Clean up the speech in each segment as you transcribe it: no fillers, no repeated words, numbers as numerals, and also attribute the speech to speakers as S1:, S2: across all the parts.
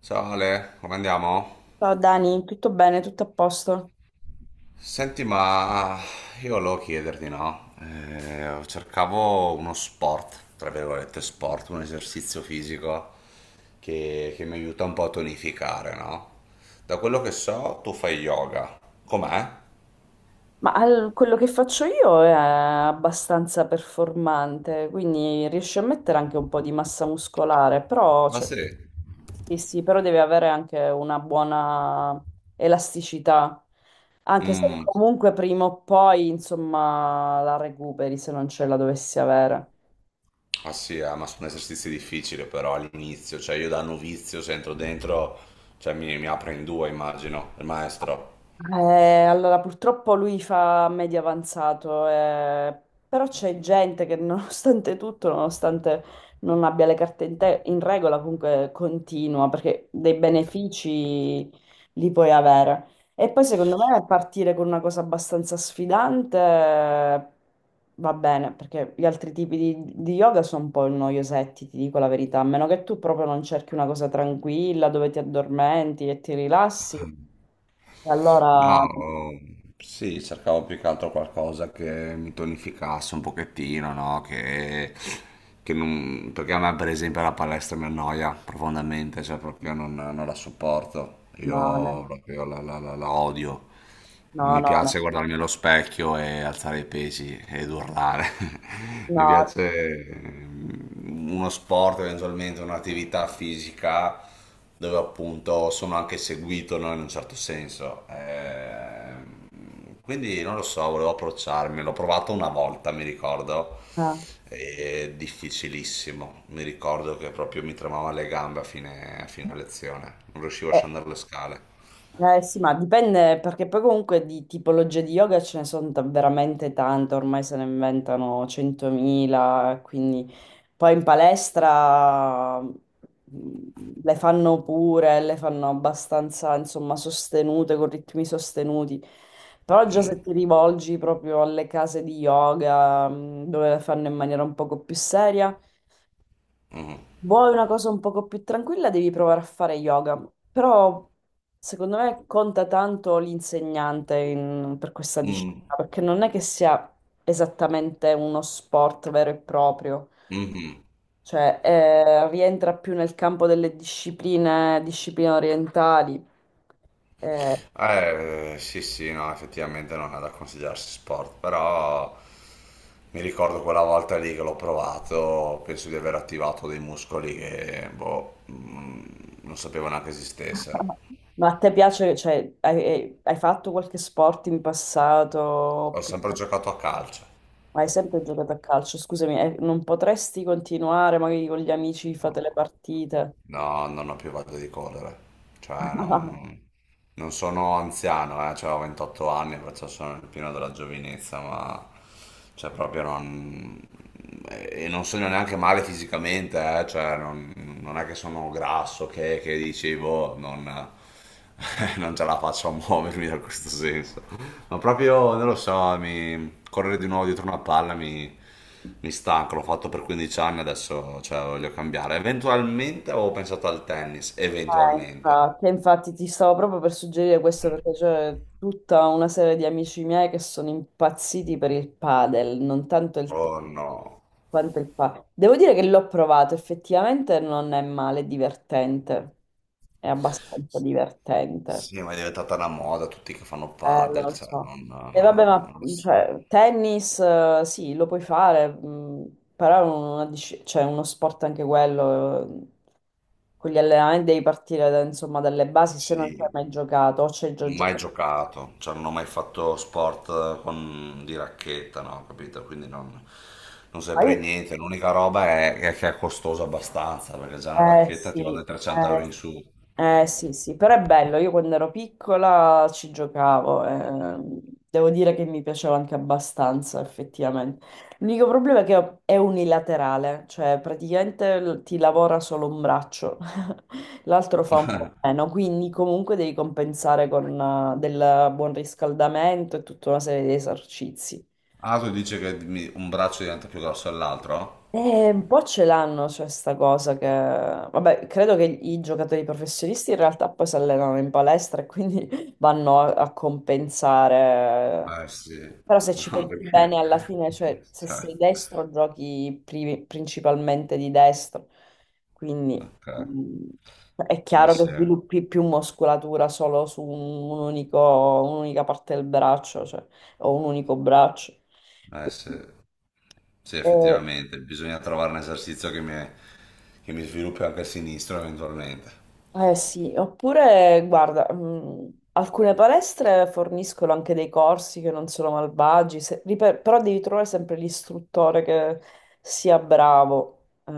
S1: Ciao Ale, come andiamo?
S2: Ciao Dani, tutto bene, tutto a posto?
S1: Senti, ma io volevo chiederti, no? Cercavo uno sport, tra virgolette sport, un esercizio fisico che mi aiuta un po' a tonificare, no? Da quello che so, tu fai yoga. Com'è?
S2: Ma quello che faccio io è abbastanza performante, quindi riesci a mettere anche un po' di massa muscolare, però,
S1: Ah
S2: cioè,
S1: sì?
S2: sì, sì, però deve avere anche una buona elasticità, anche se
S1: Mm,
S2: comunque prima o poi, insomma, la recuperi se non ce la dovessi avere.
S1: ah sì, ma sono esercizi difficili però all'inizio, cioè io da novizio se entro dentro, cioè mi apre in due, immagino, il maestro.
S2: Allora, purtroppo lui fa medio avanzato, però c'è gente che nonostante tutto, nonostante non abbia le carte in regola, comunque continua, perché dei benefici li puoi avere. E poi secondo me partire con una cosa abbastanza sfidante va bene, perché gli altri tipi di yoga sono un po' noiosetti, ti dico la verità, a meno che tu proprio non cerchi una cosa tranquilla dove ti addormenti e ti rilassi. E allora.
S1: No, sì, cercavo più che altro qualcosa che mi tonificasse un pochettino, no? Che non... Perché a me, per esempio, la palestra mi annoia profondamente, cioè proprio non la sopporto.
S2: No,
S1: Io
S2: no,
S1: proprio la odio. Non
S2: no,
S1: mi
S2: no, no.
S1: piace guardarmi allo specchio e alzare i pesi ed urlare. Mi
S2: No.
S1: piace uno sport, eventualmente un'attività fisica dove appunto sono anche seguito, no, in un certo senso. Quindi non lo so, volevo approcciarmi. L'ho provato una volta, mi ricordo.
S2: Ah,
S1: È difficilissimo. Mi ricordo che proprio mi tremavano le gambe a fine lezione. Non riuscivo a scendere le scale.
S2: eh, eh, sì, ma dipende perché poi comunque di tipologie di yoga ce ne sono veramente tante, ormai se ne inventano 100.000, quindi poi in palestra le fanno pure, le fanno abbastanza, insomma, sostenute, con ritmi sostenuti. Però già se
S1: Mm,
S2: ti rivolgi proprio alle case di yoga, dove le fanno in maniera un poco più seria.
S1: mm,
S2: Vuoi una cosa un poco più tranquilla, devi provare a fare yoga, però secondo me conta tanto l'insegnante per questa
S1: mm,
S2: disciplina, perché non è che sia esattamente uno sport vero e proprio,
S1: mhm.
S2: cioè rientra più nel campo delle discipline, discipline orientali. Eh,
S1: Sì, sì, no, effettivamente non è da considerarsi sport, però mi ricordo quella volta lì che l'ho provato, penso di aver attivato dei muscoli che, boh, non sapevo neanche esistessero.
S2: ma a te piace, cioè, hai fatto qualche sport in passato?
S1: Ho sempre giocato a calcio.
S2: Ma hai sempre giocato a calcio? Scusami, non potresti continuare magari con gli amici, fate le
S1: No.
S2: partite?
S1: No, non ho più voglia di correre. Cioè, non sono anziano, cioè, ho 28 anni, perciò sono nel pieno della giovinezza, ma cioè, proprio non... E non sono neanche male fisicamente, cioè, non è che sono grasso, che dicevo, non, non ce la faccio a muovermi da questo senso. Ma proprio, non lo so, mi... correre di nuovo dietro una palla mi stanca, l'ho fatto per 15 anni, adesso cioè, voglio cambiare. Eventualmente avevo pensato al tennis,
S2: Ah,
S1: eventualmente.
S2: infatti, infatti ti stavo proprio per suggerire questo perché c'è tutta una serie di amici miei che sono impazziti per il padel, non tanto il
S1: Oh
S2: tennis
S1: no.
S2: quanto il padel. Devo dire che l'ho provato, effettivamente non è male, è divertente, è abbastanza divertente.
S1: Sì, ma è diventata una moda, tutti che fanno padel,
S2: Lo
S1: cioè,
S2: so.
S1: non...
S2: E vabbè, ma
S1: non lo so.
S2: cioè, tennis, sì, lo puoi fare, però è una cioè, uno sport anche quello, con gli allenamenti devi partire insomma dalle basi se non ci hai
S1: Sì.
S2: mai giocato o ci hai già
S1: Mai
S2: giocato.
S1: giocato, cioè non ho mai fatto sport con, di racchetta, no, capito? Quindi non, non
S2: Ma
S1: saprei
S2: io-
S1: niente. L'unica roba è che è costoso abbastanza, perché già una
S2: Eh
S1: racchetta
S2: sì,
S1: ti va dai 300 euro
S2: eh,
S1: in su.
S2: Eh sì, sì, però è bello, io quando ero piccola ci giocavo, devo dire che mi piaceva anche abbastanza effettivamente. L'unico problema è che è unilaterale, cioè praticamente ti lavora solo un braccio, l'altro fa un po' meno, quindi comunque devi compensare con del buon riscaldamento e tutta una serie di esercizi.
S1: Ah, tu dici che mi- un braccio diventa più grosso dell'altro?
S2: Un po' ce l'hanno, cioè, sta cosa che... Vabbè, credo che i giocatori professionisti in realtà poi si allenano in palestra e quindi vanno a compensare.
S1: Eh sì,
S2: Però se ci
S1: no,
S2: pensi bene,
S1: perché...
S2: alla fine, cioè, se
S1: cioè,
S2: sei destro, giochi principalmente di destro. Quindi
S1: ok,
S2: mm, è
S1: eh
S2: chiaro che
S1: sì,
S2: sviluppi più muscolatura solo su un unico, un'unica parte del braccio, cioè, o un unico braccio.
S1: eh sì,
S2: Quindi,
S1: sì,
S2: eh,
S1: effettivamente, bisogna trovare un esercizio che mi sviluppi anche il sinistro eventualmente.
S2: Eh sì, oppure guarda, alcune palestre forniscono anche dei corsi che non sono malvagi, però devi trovare sempre l'istruttore che sia bravo.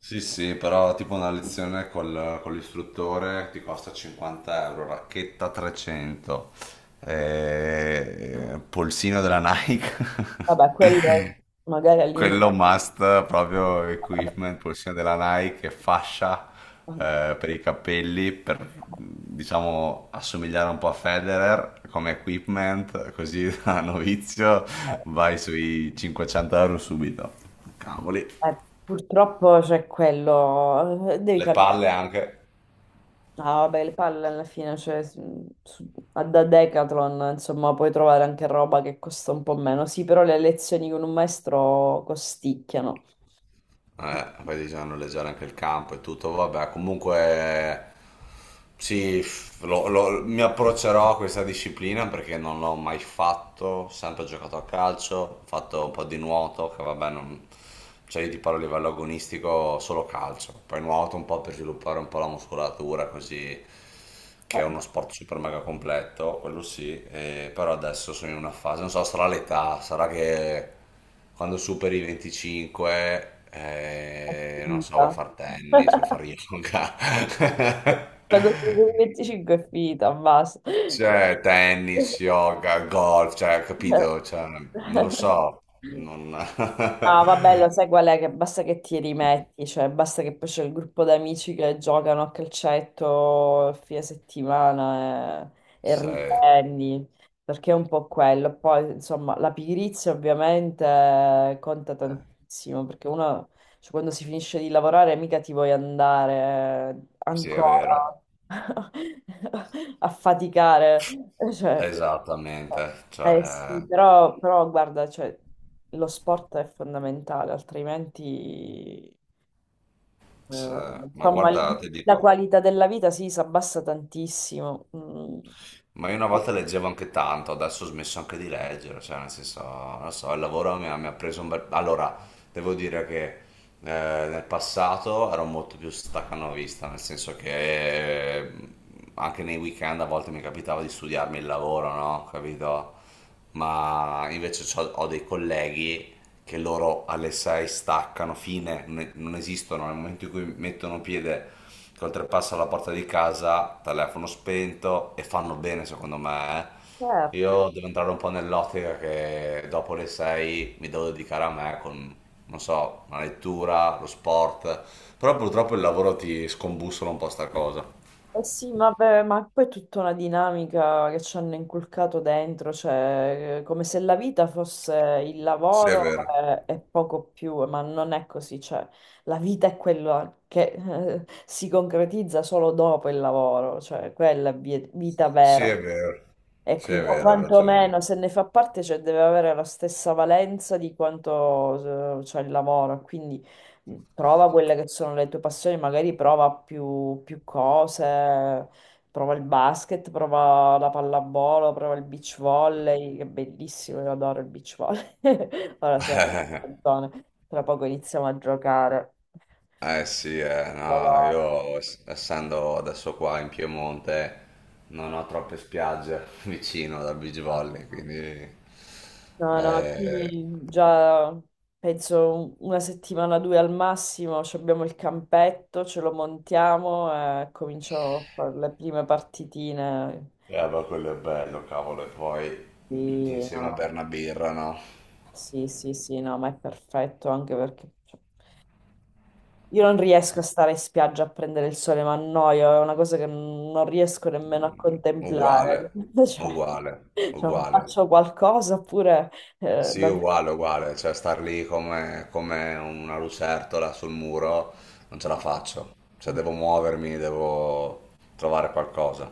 S1: Sì, sì, però tipo una lezione con l'istruttore ti costa 50 euro, racchetta 300, polsino della Nike,
S2: Vabbè, quello magari all'inizio...
S1: quello must, proprio
S2: Vabbè,
S1: equipment, polsino della Nike, e fascia per i capelli, per diciamo assomigliare un po' a Federer come equipment, così da novizio vai sui 500 euro subito. Cavoli.
S2: purtroppo c'è quello, devi
S1: Le
S2: cambiare.
S1: palle anche.
S2: Ah, vabbè, le palle alla fine, cioè, da Decathlon, insomma, puoi trovare anche roba che costa un po' meno. Sì, però le lezioni con un maestro costicchiano.
S1: Poi bisogna noleggiare anche il campo e tutto, vabbè, comunque sì, mi approccerò a questa disciplina perché non l'ho mai fatto, ho sempre giocato a calcio, ho fatto un po' di nuoto, che vabbè, non, cioè io ti parlo a livello agonistico solo calcio, poi nuoto un po' per sviluppare un po' la muscolatura, così che è
S2: Eh,
S1: uno sport super mega completo, quello sì, però adesso sono in una fase, non so, sarà l'età, sarà che quando superi i 25,
S2: È
S1: non so, vuoi
S2: finita.
S1: far tennis, vuoi far yoga,
S2: Quando sono 25 è finita, basta.
S1: cioè tennis, yoga, golf, cioè, capito? Cioè, non lo so, non...
S2: Ah, vabbè, lo sai qual è? Che basta che ti rimetti, cioè basta che poi c'è il gruppo d'amici che giocano a calcetto a fine settimana e
S1: Se-
S2: riprendi, perché è un po' quello. Poi, insomma, la pigrizia ovviamente conta
S1: eh,
S2: tantissimo, perché uno, cioè, quando si finisce di lavorare mica ti vuoi andare
S1: sì, è vero.
S2: ancora a faticare, cioè...
S1: Esattamente,
S2: Eh
S1: cioè,
S2: sì, però guarda, cioè, lo sport è fondamentale, altrimenti, Eh,
S1: ma
S2: insomma,
S1: guarda, ti
S2: la
S1: dico,
S2: qualità della vita sì, si abbassa tantissimo. Mm.
S1: ma io una volta leggevo anche tanto, adesso ho smesso anche di leggere, cioè nel senso, non so, il lavoro mi ha preso un bel... Allora, devo dire che nel passato ero molto più staccanovista, nel senso che anche nei weekend a volte mi capitava di studiarmi il lavoro, no? Capito? Ma invece ho dei colleghi che loro alle 6 staccano, fine, non esistono, nel momento in cui mettono piede che oltrepassano la porta di casa, telefono spento e fanno bene secondo me, eh.
S2: Certo.
S1: Io devo entrare un po' nell'ottica che dopo le 6 mi devo dedicare a me con, non so, la lettura, lo sport, però purtroppo il lavoro ti scombussola un po' sta cosa.
S2: Eh sì, ma, beh, ma poi è tutta una dinamica che ci hanno inculcato dentro, cioè come se la vita fosse il
S1: Sì, è
S2: lavoro
S1: vero.
S2: e poco più, ma non è così, cioè la vita è quella che si concretizza solo dopo il lavoro, cioè quella è vita
S1: Sì,
S2: vera.
S1: è vero.
S2: E
S1: Sì, è
S2: quindi, o
S1: vero, hai
S2: quantomeno,
S1: ragione.
S2: se ne fa parte, cioè, deve avere la stessa valenza di quanto c'è il lavoro. Quindi prova quelle che sono le tue passioni, magari prova più cose, prova il basket, prova la pallavolo, prova il beach volley, che è bellissimo, io adoro il beach volley. Ora siamo in zone, tra poco iniziamo a giocare.
S1: Sì, no,
S2: Allora,
S1: io essendo adesso qua in Piemonte non ho troppe spiagge vicino da beach volley, quindi
S2: no, no,
S1: eh,
S2: qui già penso una settimana, due al massimo, ci abbiamo il campetto, ce lo montiamo e cominciamo a fare le prime partitine.
S1: eh, ma quello è bello, cavolo, e poi tutti
S2: Sì,
S1: insieme a
S2: no.
S1: berna birra, no?
S2: Sì, sì, sì, no, ma è perfetto anche perché cioè, io non riesco a
S1: Sì.
S2: stare in spiaggia a prendere il sole, ma annoio, è una cosa che non riesco nemmeno a
S1: Uguale,
S2: contemplare.
S1: uguale,
S2: Cioè,
S1: uguale.
S2: faccio qualcosa oppure eh,
S1: Sì,
S2: non-
S1: uguale, uguale, cioè star lì come, come una lucertola sul muro non ce
S2: no,
S1: la faccio, cioè
S2: no.
S1: devo muovermi, devo trovare qualcosa.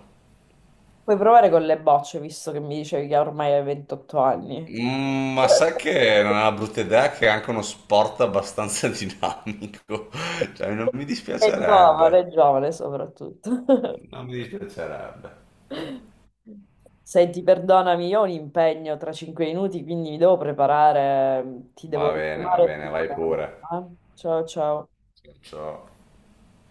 S2: Puoi provare con le bocce, visto che mi dicevi che ormai hai 28 anni.
S1: Mm, ma sai che non è una brutta idea che è anche uno sport abbastanza dinamico, cioè non mi dispiacerebbe,
S2: È giovane soprattutto.
S1: non mi dispiacerebbe.
S2: Senti, perdonami, io ho un impegno tra 5 minuti, quindi mi devo preparare. Ti devo
S1: Va
S2: chiamare
S1: bene,
S2: più
S1: vai
S2: tardi.
S1: pure.
S2: Eh? Ciao, ciao.
S1: Ciao.